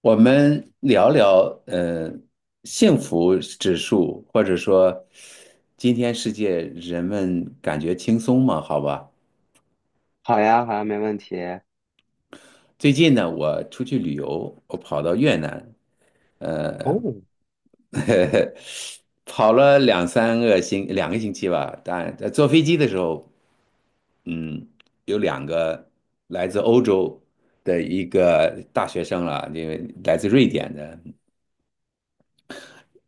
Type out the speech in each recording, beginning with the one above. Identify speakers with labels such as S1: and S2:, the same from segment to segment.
S1: 我们聊聊，幸福指数，或者说，今天世界人们感觉轻松吗？好吧，
S2: 好呀，好呀，没问题。
S1: 最近呢，我出去旅游，我跑到越南，呃，
S2: 哦，
S1: 跑了两三个星，两个星期吧。但在坐飞机的时候，嗯，有两个来自欧洲的一个大学生了，因为来自瑞典的。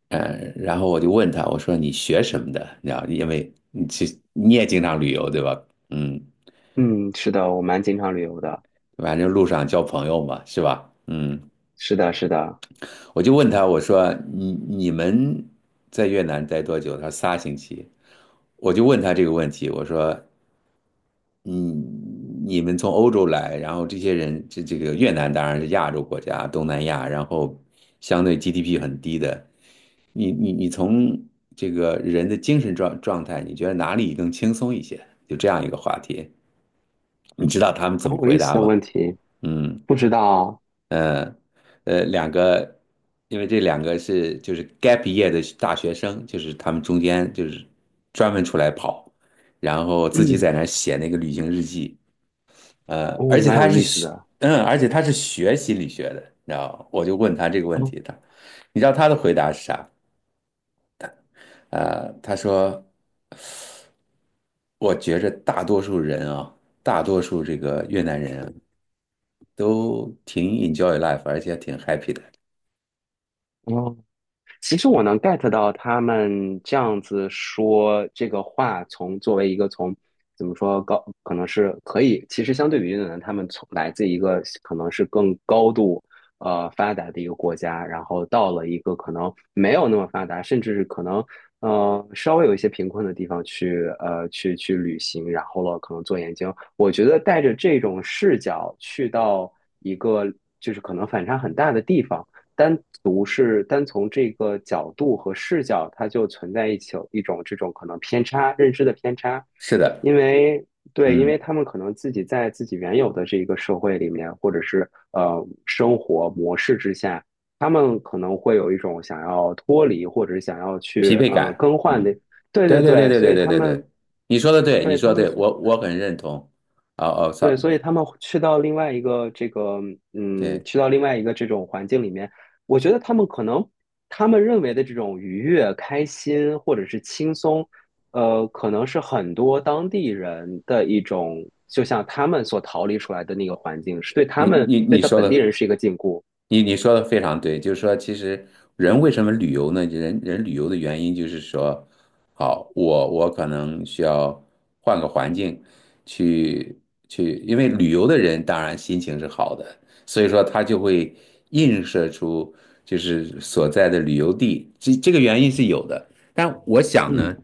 S1: 嗯，然后我就问他，我说你学什么的？你知道，因为你其实你也经常旅游，对吧？嗯，
S2: 嗯，是的，我蛮经常旅游的。
S1: 反正路上交朋友嘛，是吧？嗯，
S2: 是的，是的，
S1: 我就问他，我说你们在越南待多久？他说仨星期。我就问他这个问题，我说你你们从欧洲来，然后这些人这个越南当然是亚洲国家，东南亚，然后相对 GDP 很低的。你从这个人的精神状态，你觉得哪里更轻松一些？就这样一个话题，你
S2: 嗯，
S1: 知道他们怎么
S2: 蛮有
S1: 回
S2: 意思
S1: 答
S2: 的
S1: 吗？
S2: 问题。
S1: 嗯。
S2: 不知道。
S1: 呃两个，因为这两个是就是 gap year 的大学生，就是他们中间就是专门出来跑，然后自己在
S2: 嗯，
S1: 那儿写那个旅行日记，呃，而
S2: 哦，
S1: 且
S2: 蛮有
S1: 他是
S2: 意思
S1: 学
S2: 的。
S1: 而且他是学心理学的，你知道吗，我就问他这个问
S2: 哦，
S1: 题，他，你知道他的回答是啥？他说，我觉着大多数人啊，大多数这个越南人啊都挺 enjoy life，而且挺 happy 的。
S2: 哦，其实我能 get 到他们这样子说这个话，作为一个从怎么说高，可能是可以，其实相对于越南，他们从来自一个可能是更高度发达的一个国家，然后到了一个可能没有那么发达，甚至是可能稍微有一些贫困的地方去旅行，然后了可能做研究。我觉得带着这种视角去到一个就是可能反差很大的地方。单独是单从这个角度和视角，它就存在一起有一种这种可能偏差，认知的偏差。
S1: 是的，
S2: 因为对，因为
S1: 嗯，
S2: 他们可能自己在自己原有的这个社会里面，或者是生活模式之下，他们可能会有一种想要脱离，或者是想要去
S1: 疲惫感，
S2: 更换
S1: 嗯，
S2: 的。对
S1: 对
S2: 对
S1: 对对
S2: 对，
S1: 对
S2: 所
S1: 对
S2: 以
S1: 对
S2: 他
S1: 对
S2: 们
S1: 对，你说的对，你
S2: 对他
S1: 说的
S2: 们
S1: 对，
S2: 去
S1: 我很认同。哦哦，sorry，
S2: 对，所以他们去到另外一个这个，嗯，
S1: 对。
S2: 去到另外一个这种环境里面，我觉得他们可能他们认为的这种愉悦、开心或者是轻松，可能是很多当地人的一种，就像他们所逃离出来的那个环境，是对他
S1: 你
S2: 们
S1: 你
S2: 对
S1: 你
S2: 他
S1: 说
S2: 本地
S1: 的，
S2: 人是一个禁锢。
S1: 你说的非常对，就是说，其实人为什么旅游呢？人人旅游的原因就是说，好，我可能需要换个环境去去，因为旅游的人当然心情是好的，所以说他就会映射出就是所在的旅游地，这个原因是有的。但我想呢。
S2: 嗯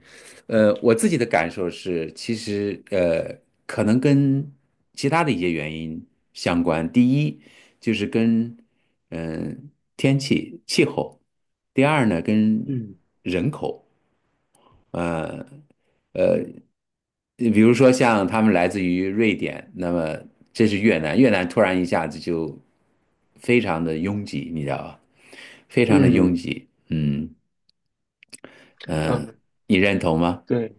S1: 我自己的感受是，其实可能跟其他的一些原因相关。第一就是跟嗯、呃天气气候，第二呢跟
S2: 嗯
S1: 人口。你比如说像他们来自于瑞典，那么这是越南，越南突然一下子就非常的拥挤，你知道吧？非常的拥
S2: 嗯
S1: 挤，嗯嗯，
S2: 嗯，
S1: 你认同吗？
S2: 对。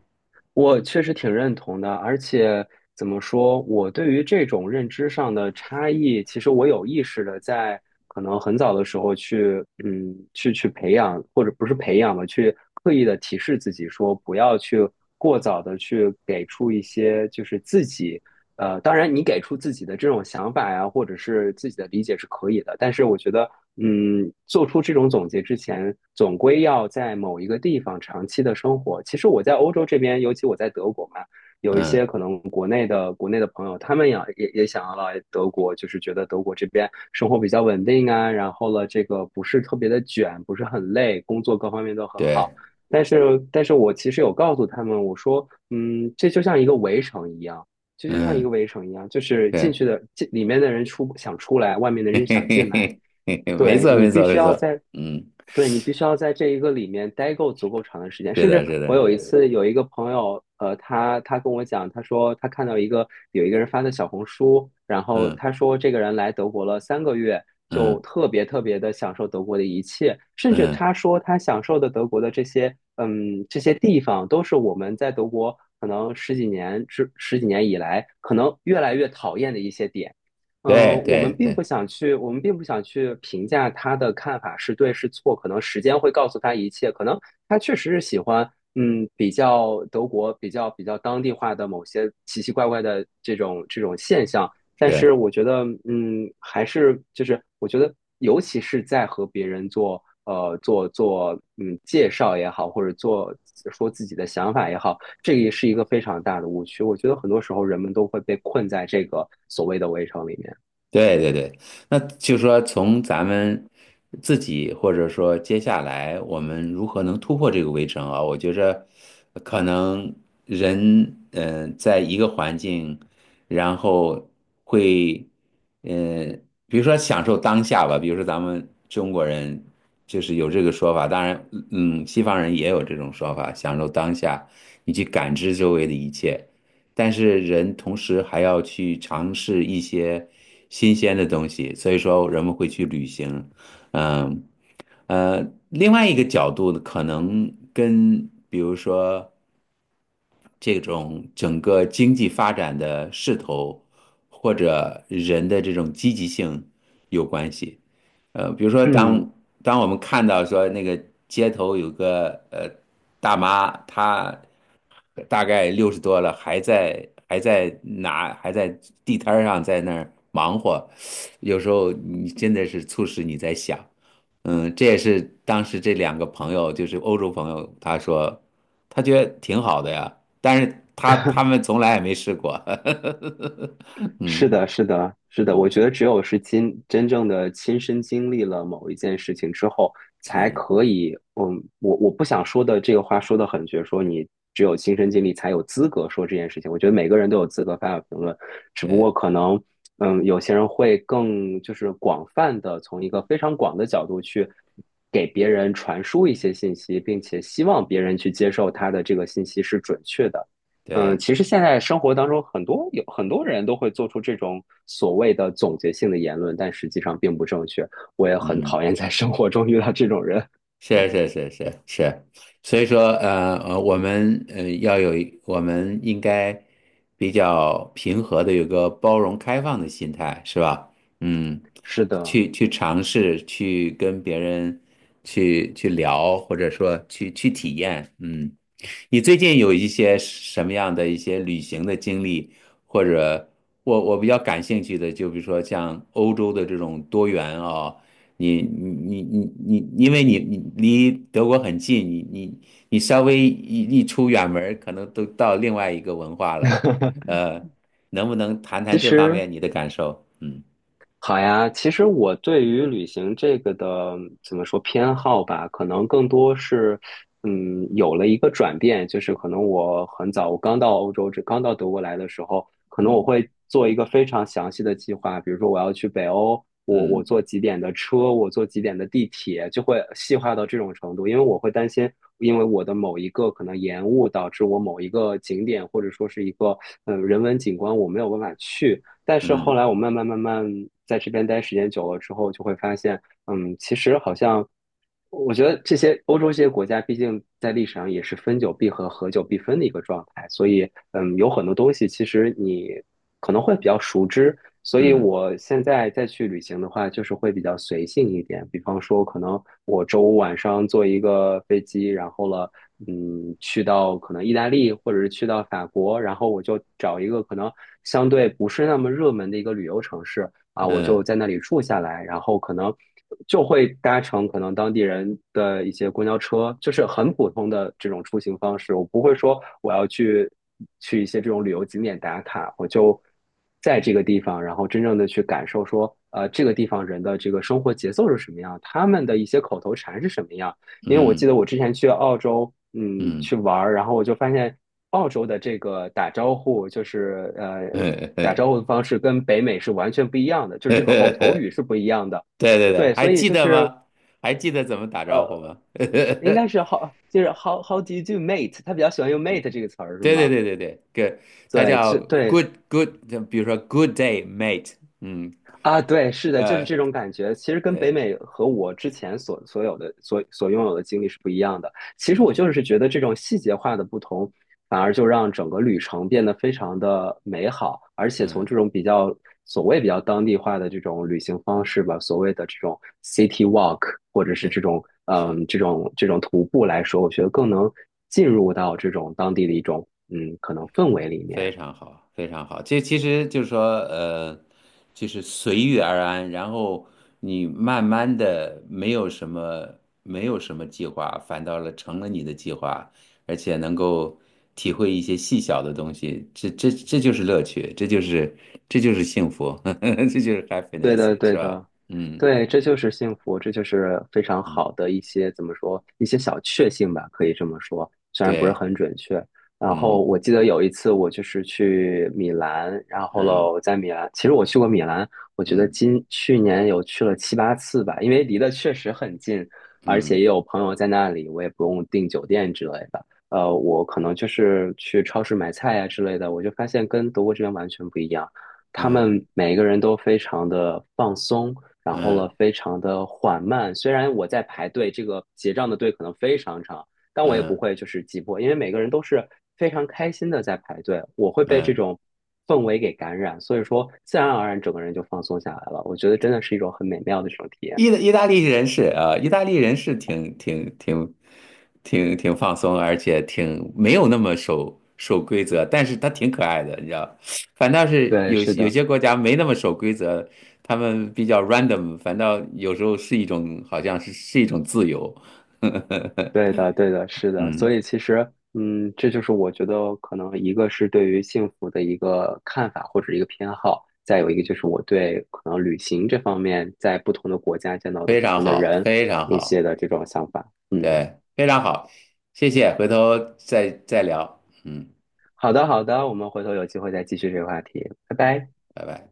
S2: 我确实挺认同的。而且怎么说，我对于这种认知上的差异，其实我有意识的在可能很早的时候去，嗯，去培养，或者不是培养吧，去刻意的提示自己说，不要去过早的去给出一些就是自己当然你给出自己的这种想法呀，或者是自己的理解是可以的。但是我觉得，嗯，做出这种总结之前，总归要在某一个地方长期的生活。其实我在欧洲这边，尤其我在德国嘛，有一些
S1: 嗯，
S2: 可能国内的朋友，他们也想要来德国，就是觉得德国这边生活比较稳定啊，然后了这个不是特别的卷，不是很累，工作各方面都很好。
S1: 对，
S2: 但是，但是我其实有告诉他们，我说，嗯，这就像一个围城一样。就就像一个
S1: 嗯。
S2: 围城一样，就是进
S1: 对。
S2: 去的进里面的人出想出来，外面的
S1: 嘿
S2: 人
S1: 嘿
S2: 想进
S1: 嘿
S2: 来。
S1: 嘿嘿嘿，没
S2: 对
S1: 错，
S2: 你
S1: 没
S2: 必
S1: 错，
S2: 须
S1: 没
S2: 要
S1: 错。
S2: 在，
S1: 嗯，
S2: 对你必须要在这一个里面待够足够长的时间。
S1: 是
S2: 甚
S1: 的，
S2: 至
S1: 是
S2: 我
S1: 的，
S2: 有一次有一个朋友，他跟我讲，他说他看到一个有一个人发的小红书，然后
S1: 嗯
S2: 他说这个人来德国了3个月，
S1: 嗯
S2: 就特别特别的享受德国的一切。甚至
S1: 嗯，
S2: 他说他享受的德国的这些，嗯，这些地方都是我们在德国可能十几年以来可能越来越讨厌的一些点。嗯，
S1: 对
S2: 我
S1: 对
S2: 们并不
S1: 对，
S2: 想去，我们并不想去评价他的看法是对是错，可能时间会告诉他一切。可能他确实是喜欢，嗯，德国比较当地化的某些奇奇怪怪的这种现象。但是
S1: 是。
S2: 我觉得，嗯，还是就是我觉得，尤其是在和别人做嗯介绍也好，或者做说自己的想法也好，这个也是一个非常大的误区。我觉得很多时候人们都会被困在这个所谓的围城里面。
S1: 对对对，那就是说从咱们自己，或者说接下来我们如何能突破这个围城啊？我觉着可能人，在一个环境，然后会，嗯、比如说享受当下吧，比如说咱们中国人就是有这个说法，当然，嗯，西方人也有这种说法，享受当下，你去感知周围的一切。但是人同时还要去尝试一些新鲜的东西，所以说人们会去旅行。嗯。呃，另外一个角度呢，可能跟比如说这种整个经济发展的势头，或者人的这种积极性有关系。呃，比如说
S2: 嗯，
S1: 当我们看到说那个街头有个大妈，她大概六十多了，还在地摊儿上在那儿忙活，有时候你真的是促使你在想，嗯，这也是当时这两个朋友，就是欧洲朋友，他说他觉得挺好的呀，但是他们从来也没试过，
S2: 是
S1: 嗯
S2: 的，是的，是的，我
S1: 嗯
S2: 觉得只有是亲真正的亲身经历了某一件事情之后才
S1: 嗯，
S2: 可以。嗯，我我不想说的这个话说的很绝，说你只有亲身经历才有资格说这件事情。我觉得每个人都有资格发表评论，只
S1: 对
S2: 不过
S1: 对
S2: 可能，嗯，有些人会更就是广泛的从一个非常广的角度去给别人传输一些信息，并且希望别人去接受他的这个信息是准确的。嗯，
S1: 对，
S2: 其实现在生活当中，有很多人都会做出这种所谓的总结性的言论，但实际上并不正确。我也很
S1: 嗯。
S2: 讨厌在生活中遇到这种人。
S1: 是是是是是，所以说我们呃要有一我们应该比较平和的，有个包容开放的心态，是吧？嗯，
S2: 是的。
S1: 去尝试，去跟别人去聊，或者说去体验。嗯，你最近有一些什么样的一些旅行的经历，或者我比较感兴趣的，就比如说像欧洲的这种多元啊。你你你你你，因为你你离德国很近，你稍微一出远门儿，可能都到另外一个文化了。呃，能不能谈
S2: 其
S1: 谈这方
S2: 实，
S1: 面你的感受？嗯
S2: 好呀，其实我对于旅行这个的怎么说偏好吧，可能更多是，嗯，有了一个转变。就是可能我很早，我刚到欧洲，这刚到德国来的时候，可能我
S1: 嗯
S2: 会做一个非常详细的计划。比如说我要去北欧，我
S1: 嗯
S2: 坐几点的车，我坐几点的地铁，就会细化到这种程度，因为我会担心，因为我的某一个可能延误导致我某一个景点或者说是一个人文景观我没有办法去。但是后
S1: 嗯
S2: 来我慢慢在这边待时间久了之后，就会发现，嗯，其实好像我觉得这些欧洲这些国家，毕竟在历史上也是分久必合，合久必分的一个状态，所以嗯，有很多东西其实你可能会比较熟知，所以
S1: 嗯
S2: 我现在再去旅行的话，就是会比较随性一点。比方说，可能我周五晚上坐一个飞机，然后了，嗯，去到可能意大利或者是去到法国，然后我就找一个可能相对不是那么热门的一个旅游城市，啊，我
S1: 嗯
S2: 就在那里住下来，然后可能就会搭乘可能当地人的一些公交车，就是很普通的这种出行方式。我不会说我要去一些这种旅游景点打卡，我就在这个地方，然后真正的去感受说，呃，这个地方人的这个生活节奏是什么样，他们的一些口头禅是什么样。
S1: 嗯
S2: 因为我记
S1: 嗯
S2: 得我之前去澳洲，嗯，
S1: 嗯，
S2: 去
S1: 嗯
S2: 玩儿，然后我就发现澳洲的这个打招呼，就是打 招呼的方式跟北美是完全不一样的，就是这个口头语是不一样的。
S1: 对对对，
S2: 对，
S1: 还
S2: 所以
S1: 记
S2: 就
S1: 得
S2: 是
S1: 吗？还记得怎么打招呼
S2: 呃，
S1: 吗？
S2: 应 该是 how 就是 how do you do mate，他比较喜欢用 mate 这个词儿是
S1: 对对
S2: 吗？
S1: 对对对，d 他
S2: 对，
S1: 叫
S2: 这对
S1: 就比如说 good day mate，嗯。
S2: 啊，对，是的，就是
S1: 呃
S2: 这种感觉。其实跟北
S1: 对，
S2: 美和我之前所有的所拥有的经历是不一样的。其实我
S1: 嗯
S2: 就是觉得这种细节化的不同，反而就让整个旅程变得非常的美好。而且从
S1: 嗯，
S2: 这种比较所谓比较当地化的这种旅行方式吧，所谓的这种 city walk，或者是这
S1: 对，
S2: 种
S1: 是
S2: 嗯这种这种徒步来说，我觉得更能进入到这种当地的一种嗯可能氛围里
S1: 非
S2: 面。
S1: 常好，非常好。这其实就是说，就是随遇而安，然后你慢慢的没有什么计划，反倒了成了你的计划，而且能够体会一些细小的东西，这就是乐趣，这就是幸福，这就是
S2: 对
S1: happiness，
S2: 的，
S1: 是
S2: 对
S1: 吧？
S2: 的，
S1: 嗯
S2: 对，这就是幸福，这就是非常
S1: 嗯，
S2: 好的一些怎么说，一些小确幸吧，可以这么说，虽然不是
S1: 对，
S2: 很准确。然后
S1: 嗯
S2: 我记得有一次我就是去米兰，然后喽，
S1: 嗯
S2: 我在米兰，其实我去过米兰，我觉得
S1: 嗯
S2: 去年有去了7、8次吧，因为离得确实很近，而且
S1: 嗯
S2: 也有朋友在那里，我也不用订酒店之类的。呃，我可能就是去超市买菜呀、之类的，我就发现跟德国这边完全不一样。他
S1: 嗯
S2: 们每个人都非常的放松，然后了
S1: 嗯
S2: 非常的缓慢。虽然我在排队，这个结账的队可能非常长，但我也不
S1: 嗯。
S2: 会就是急迫，因为每个人都是非常开心的在排队。我会被这
S1: 嗯，
S2: 种氛围给感染，所以说自然而然整个人就放松下来了。我觉得真的是一种很美妙的这种体验。
S1: 意大利人是啊，意大利人是挺放松，而且挺没有那么守规则，但是他挺可爱的，你知道。反倒是
S2: 对，
S1: 有
S2: 是
S1: 有
S2: 的。
S1: 些国家没那么守规则，他们比较 random，反倒有时候是一种好像是一种自由。
S2: 对的，对的，是的，
S1: 嗯，
S2: 所以其实，嗯，这就是我觉得可能一个是对于幸福的一个看法或者一个偏好，再有一个就是我对可能旅行这方面在不同的国家见到的
S1: 非
S2: 不
S1: 常
S2: 同的
S1: 好，
S2: 人
S1: 非常
S2: 一
S1: 好，
S2: 些的这种想法。嗯，
S1: 对，非常好，谢谢，回头再聊。嗯，
S2: 好的，好的，我们回头有机会再继续这个话题，拜拜。
S1: 拜拜。